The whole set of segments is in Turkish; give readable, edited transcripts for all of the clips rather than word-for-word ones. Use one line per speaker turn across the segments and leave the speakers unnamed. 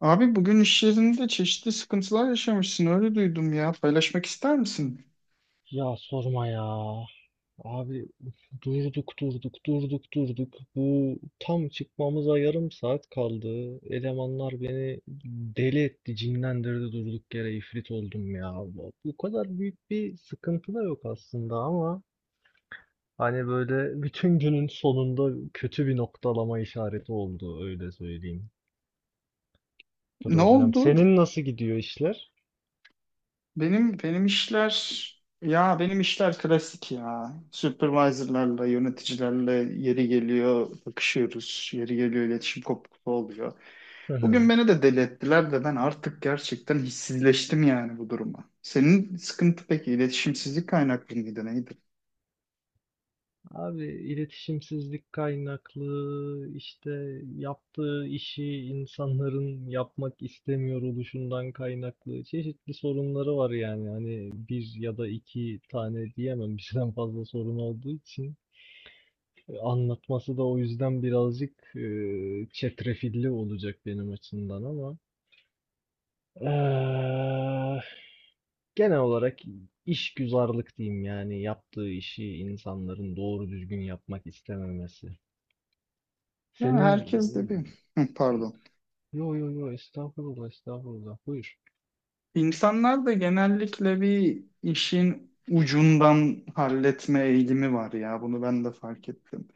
Abi bugün iş yerinde çeşitli sıkıntılar yaşamışsın öyle duydum ya. Paylaşmak ister misin?
Ya sorma ya. Abi durduk durduk durduk durduk. Bu tam çıkmamıza yarım saat kaldı. Elemanlar beni deli etti, cinlendirdi durduk yere ifrit oldum ya. Bu kadar büyük bir sıkıntı da yok aslında ama hani böyle bütün günün sonunda kötü bir noktalama işareti oldu öyle söyleyeyim.
Ne
Problem.
oldu?
Senin nasıl gidiyor işler?
Benim işler ya benim işler klasik ya. Supervisor'larla, yöneticilerle yeri geliyor bakışıyoruz. Yeri geliyor iletişim kopukluğu oluyor. Bugün beni de deli ettiler de ben artık gerçekten hissizleştim yani bu duruma. Senin sıkıntı peki iletişimsizlik kaynaklı mıydı neydi?
Abi iletişimsizlik kaynaklı işte yaptığı işi insanların yapmak istemiyor oluşundan kaynaklı çeşitli sorunları var yani hani bir ya da iki tane diyemem birden fazla sorun olduğu için. Anlatması da o yüzden birazcık çetrefilli olacak benim açımdan ama eee, genel olarak işgüzarlık diyeyim yani yaptığı işi insanların doğru düzgün yapmak istememesi.
Ya
Senin
herkes de bir pardon.
yo yo yo estağfurullah estağfurullah buyur.
İnsanlar da genellikle bir işin ucundan halletme eğilimi var ya. Bunu ben de fark ettim.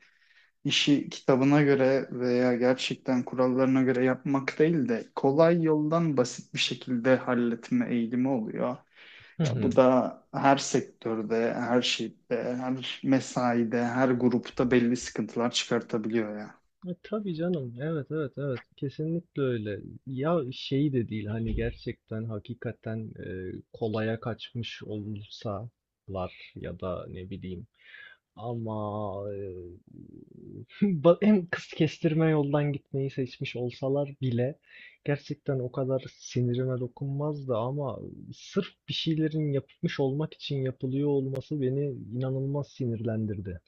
İşi kitabına göre veya gerçekten kurallarına göre yapmak değil de kolay yoldan basit bir şekilde halletme eğilimi oluyor.
Hı
Ya bu
hı.
da her sektörde, her şeyde, her mesaide, her grupta belli sıkıntılar çıkartabiliyor ya.
Tabii canım, evet evet evet kesinlikle öyle. Ya şey de değil hani gerçekten hakikaten kolaya kaçmış olsalar ya da ne bileyim. Ama hem kız kestirme yoldan gitmeyi seçmiş olsalar bile gerçekten o kadar sinirime dokunmazdı ama sırf bir şeylerin yapılmış olmak için yapılıyor olması beni inanılmaz sinirlendirdi.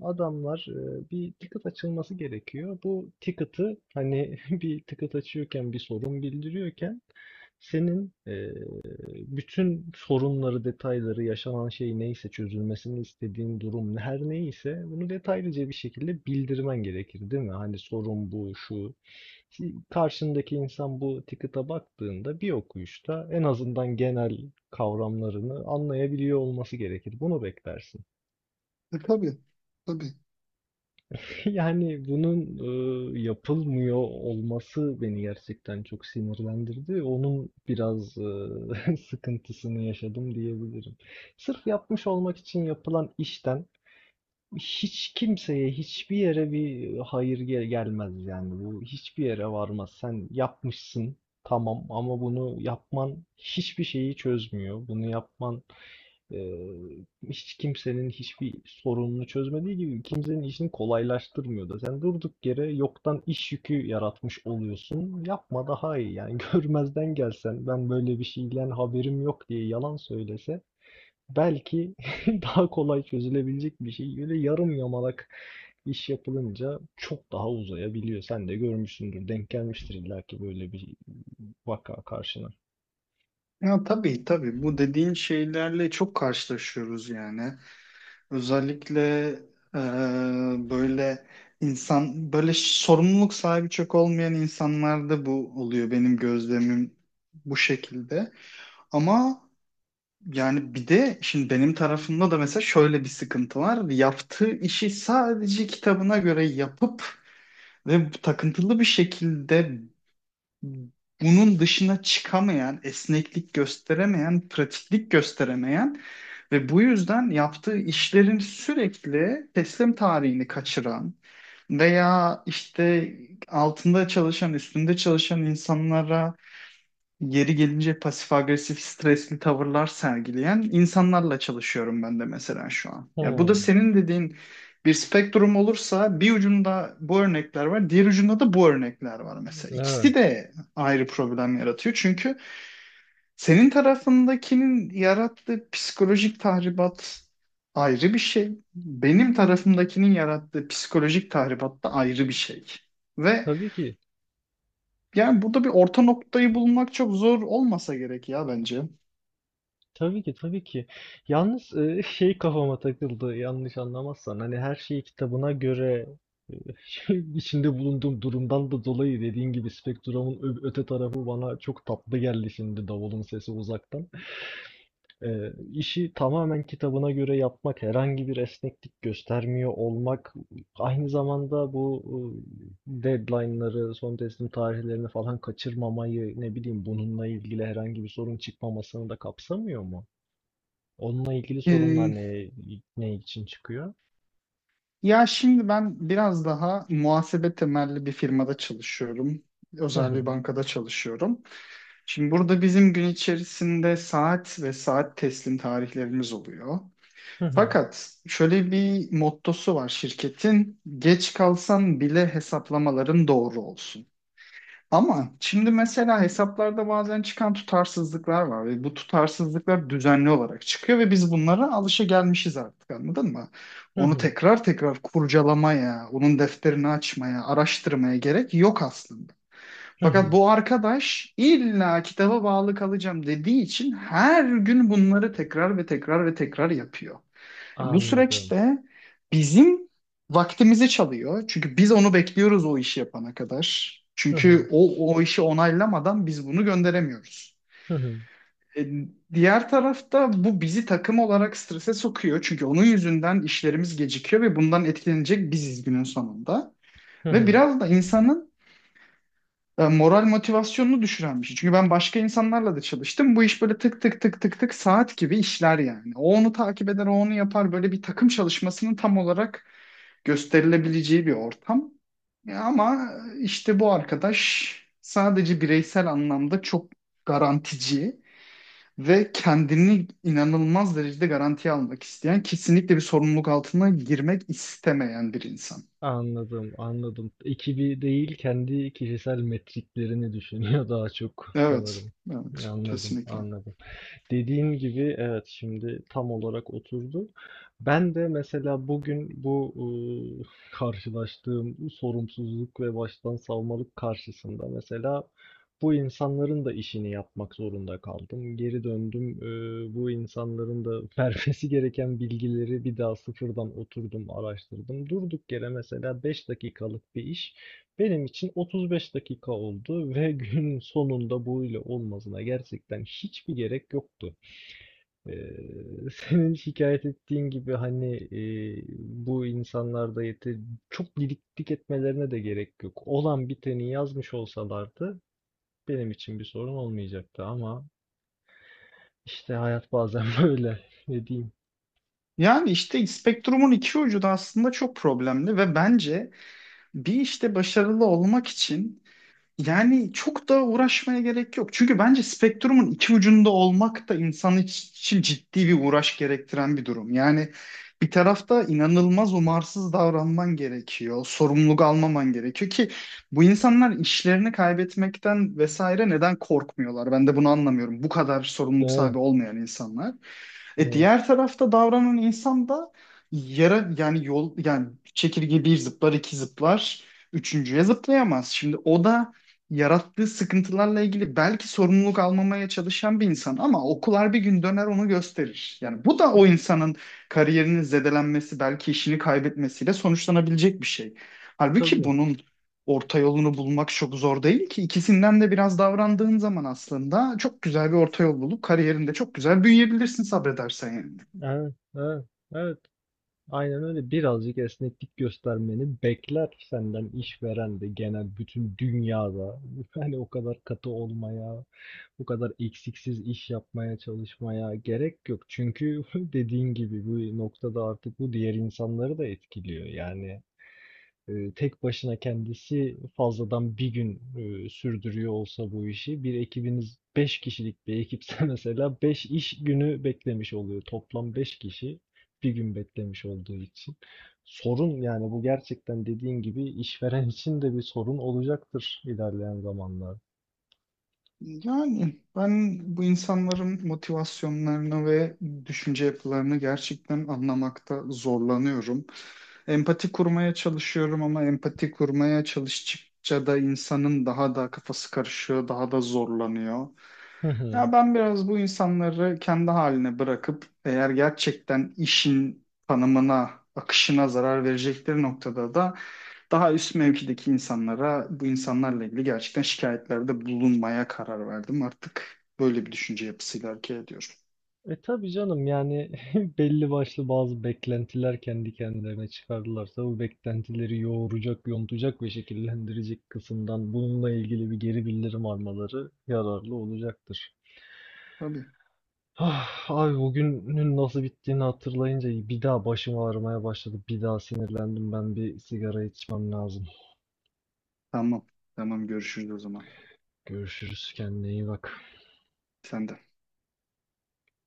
Adamlar bir ticket açılması gerekiyor. Bu ticket'ı hani bir ticket açıyorken, bir sorun bildiriyorken senin bütün sorunları, detayları, yaşanan şey neyse, çözülmesini istediğin durum her neyse bunu detaylıca bir şekilde bildirmen gerekir, değil mi? Hani sorun bu, şu. Ki karşındaki insan bu ticket'a baktığında bir okuyuşta en azından genel kavramlarını anlayabiliyor olması gerekir. Bunu beklersin.
E, tabii, tabii.
Yani bunun yapılmıyor olması beni gerçekten çok sinirlendirdi. Onun biraz sıkıntısını yaşadım diyebilirim. Sırf yapmış olmak için yapılan işten hiç kimseye, hiçbir yere bir hayır gelmez yani. Bu hiçbir yere varmaz. Sen yapmışsın, tamam, ama bunu yapman hiçbir şeyi çözmüyor. Bunu yapman ee, hiç kimsenin hiçbir sorununu çözmediği gibi kimsenin işini kolaylaştırmıyor da. Sen durduk yere yoktan iş yükü yaratmış oluyorsun. Yapma daha iyi yani. Görmezden gelsen, ben böyle bir şeyden haberim yok diye yalan söylese belki daha kolay çözülebilecek bir şey. Böyle yarım yamalak iş yapılınca çok daha uzayabiliyor. Sen de görmüşsündür, denk gelmiştir illaki böyle bir vaka karşına.
Ya tabii tabii bu dediğin şeylerle çok karşılaşıyoruz yani. Özellikle eee, böyle insan böyle sorumluluk sahibi çok olmayan insanlarda bu oluyor benim gözlemim bu şekilde. Ama yani bir de şimdi benim tarafımda da mesela şöyle bir sıkıntı var. Yaptığı işi sadece kitabına göre yapıp ve takıntılı bir şekilde bunun dışına çıkamayan, esneklik gösteremeyen, pratiklik gösteremeyen ve bu yüzden yaptığı işlerin sürekli teslim tarihini kaçıran veya işte altında çalışan, üstünde çalışan insanlara yeri gelince pasif agresif stresli tavırlar sergileyen insanlarla çalışıyorum ben de mesela şu an. Yani bu da
Hmm,
senin dediğin bir spektrum olursa bir ucunda bu örnekler var, diğer ucunda da bu örnekler var mesela.
evet.
İkisi de ayrı problem yaratıyor çünkü senin tarafındakinin yarattığı psikolojik tahribat ayrı bir şey. Benim tarafımdakinin yarattığı psikolojik tahribat da ayrı bir şey. Ve
Tabii ki.
yani burada bir orta noktayı bulmak çok zor olmasa gerek ya bence.
Tabii ki, tabii ki. Yalnız, şey kafama takıldı, yanlış anlamazsan. Hani her şeyi kitabına göre, eee, içinde bulunduğum durumdan da dolayı dediğin gibi spektrumun öte tarafı bana çok tatlı geldi şimdi, davulun sesi uzaktan. İşi tamamen kitabına göre yapmak, herhangi bir esneklik göstermiyor olmak, aynı zamanda bu deadline'ları, son teslim tarihlerini falan kaçırmamayı, ne bileyim, bununla ilgili herhangi bir sorun çıkmamasını da kapsamıyor mu? Onunla ilgili sorunlar
Ee,
ne için çıkıyor?
ya şimdi ben biraz daha muhasebe temelli bir firmada çalışıyorum.
Hı
Özel
hı.
bir bankada çalışıyorum. Şimdi burada bizim gün içerisinde saat ve saat teslim tarihlerimiz oluyor.
Hı hı.
Fakat şöyle bir mottosu var şirketin. Geç kalsan bile hesaplamaların doğru olsun. Ama şimdi mesela hesaplarda bazen çıkan tutarsızlıklar var ve bu tutarsızlıklar düzenli olarak çıkıyor ve biz bunlara alışagelmişiz artık anladın mı?
Hı
Onu
hı.
tekrar tekrar kurcalamaya, onun defterini açmaya, araştırmaya gerek yok aslında.
Hı
Fakat
hı.
bu arkadaş illa kitaba bağlı kalacağım dediği için her gün bunları tekrar ve tekrar ve tekrar yapıyor. Bu
Anladım.
süreçte bizim vaktimizi çalıyor. Çünkü biz onu bekliyoruz o işi yapana kadar.
Hı hı.
Çünkü o, o işi onaylamadan biz bunu gönderemiyoruz.
Hı hı.
E, diğer tarafta bu bizi takım olarak strese sokuyor. Çünkü onun yüzünden işlerimiz gecikiyor ve bundan etkilenecek biziz günün sonunda.
Hı
Ve
hı.
biraz da insanın moral motivasyonunu düşüren bir şey. Çünkü ben başka insanlarla da çalıştım. Bu iş böyle tık tık tık tık tık saat gibi işler yani. O onu takip eder, o onu yapar. Böyle bir takım çalışmasının tam olarak gösterilebileceği bir ortam. Ama işte bu arkadaş sadece bireysel anlamda çok garantici ve kendini inanılmaz derecede garantiye almak isteyen, kesinlikle bir sorumluluk altına girmek istemeyen bir insan.
Anladım, anladım. Ekibi değil, kendi kişisel metriklerini düşünüyor daha çok
Evet,
sanırım.
evet,
Anladım,
kesinlikle.
anladım. Dediğin gibi, evet, şimdi tam olarak oturdu. Ben de mesela bugün bu ıı, karşılaştığım sorumsuzluk ve baştan savmalık karşısında mesela bu insanların da işini yapmak zorunda kaldım. Geri döndüm. Bu insanların da vermesi gereken bilgileri bir daha sıfırdan oturdum, araştırdım. Durduk yere mesela 5 dakikalık bir iş benim için 35 dakika oldu ve günün sonunda bu ile olmasına gerçekten hiçbir gerek yoktu. Senin şikayet ettiğin gibi hani bu insanlarda yeter, çok didiklik etmelerine de gerek yok. Olan biteni yazmış olsalardı benim için bir sorun olmayacaktı ama işte hayat bazen böyle, ne diyeyim.
Yani işte spektrumun iki ucu da aslında çok problemli ve bence bir işte başarılı olmak için yani çok da uğraşmaya gerek yok. Çünkü bence spektrumun iki ucunda olmak da insan için ciddi bir uğraş gerektiren bir durum. Yani bir tarafta inanılmaz umarsız davranman gerekiyor. Sorumluluk almaman gerekiyor ki bu insanlar işlerini kaybetmekten vesaire neden korkmuyorlar? Ben de bunu anlamıyorum. Bu kadar sorumluluk
Evet,
sahibi olmayan insanlar. E
evet.
diğer tarafta davranan insan da yara yani yol yani çekirge bir zıplar iki zıplar üçüncüye zıplayamaz. Şimdi o da yarattığı sıkıntılarla ilgili belki sorumluluk almamaya çalışan bir insan ama okullar bir gün döner onu gösterir. Yani bu da o insanın kariyerinin zedelenmesi belki işini kaybetmesiyle sonuçlanabilecek bir şey. Halbuki
Tabii.
bunun orta yolunu bulmak çok zor değil ki. İkisinden de biraz davrandığın zaman aslında çok güzel bir orta yol bulup kariyerinde çok güzel büyüyebilirsin sabredersen yani.
Evet, evet, evet. Aynen öyle. Birazcık esneklik göstermeni bekler senden işveren de, genel bütün dünyada. Yani o kadar katı olmaya, o kadar eksiksiz iş yapmaya çalışmaya gerek yok. Çünkü dediğin gibi bu noktada artık bu diğer insanları da etkiliyor. Yani tek başına kendisi fazladan bir gün sürdürüyor olsa bu işi, bir ekibiniz 5 kişilik bir ekipse mesela 5 iş günü beklemiş oluyor. Toplam 5 kişi bir gün beklemiş olduğu için. Sorun yani, bu gerçekten dediğin gibi işveren için de bir sorun olacaktır ilerleyen zamanlar.
Yani ben bu insanların motivasyonlarını ve düşünce yapılarını gerçekten anlamakta zorlanıyorum. Empati kurmaya çalışıyorum ama empati kurmaya çalıştıkça da insanın daha da kafası karışıyor, daha da zorlanıyor. Ya ben biraz bu insanları kendi haline bırakıp eğer gerçekten işin tanımına, akışına zarar verecekleri noktada da daha üst mevkideki insanlara bu insanlarla ilgili gerçekten şikayetlerde bulunmaya karar verdim. Artık böyle bir düşünce yapısıyla hareket ediyorum.
Tabii canım, yani belli başlı bazı beklentiler kendi kendilerine çıkardılarsa bu beklentileri yoğuracak, yontacak ve şekillendirecek kısımdan bununla ilgili bir geri bildirim almaları yararlı olacaktır.
Tabii.
Ah, abi, bugünün nasıl bittiğini hatırlayınca bir daha başım ağrımaya başladı. Bir daha sinirlendim. Ben bir sigara içmem lazım.
Tamam. Tamam görüşürüz o zaman.
Görüşürüz. Kendine iyi bak.
Sen de.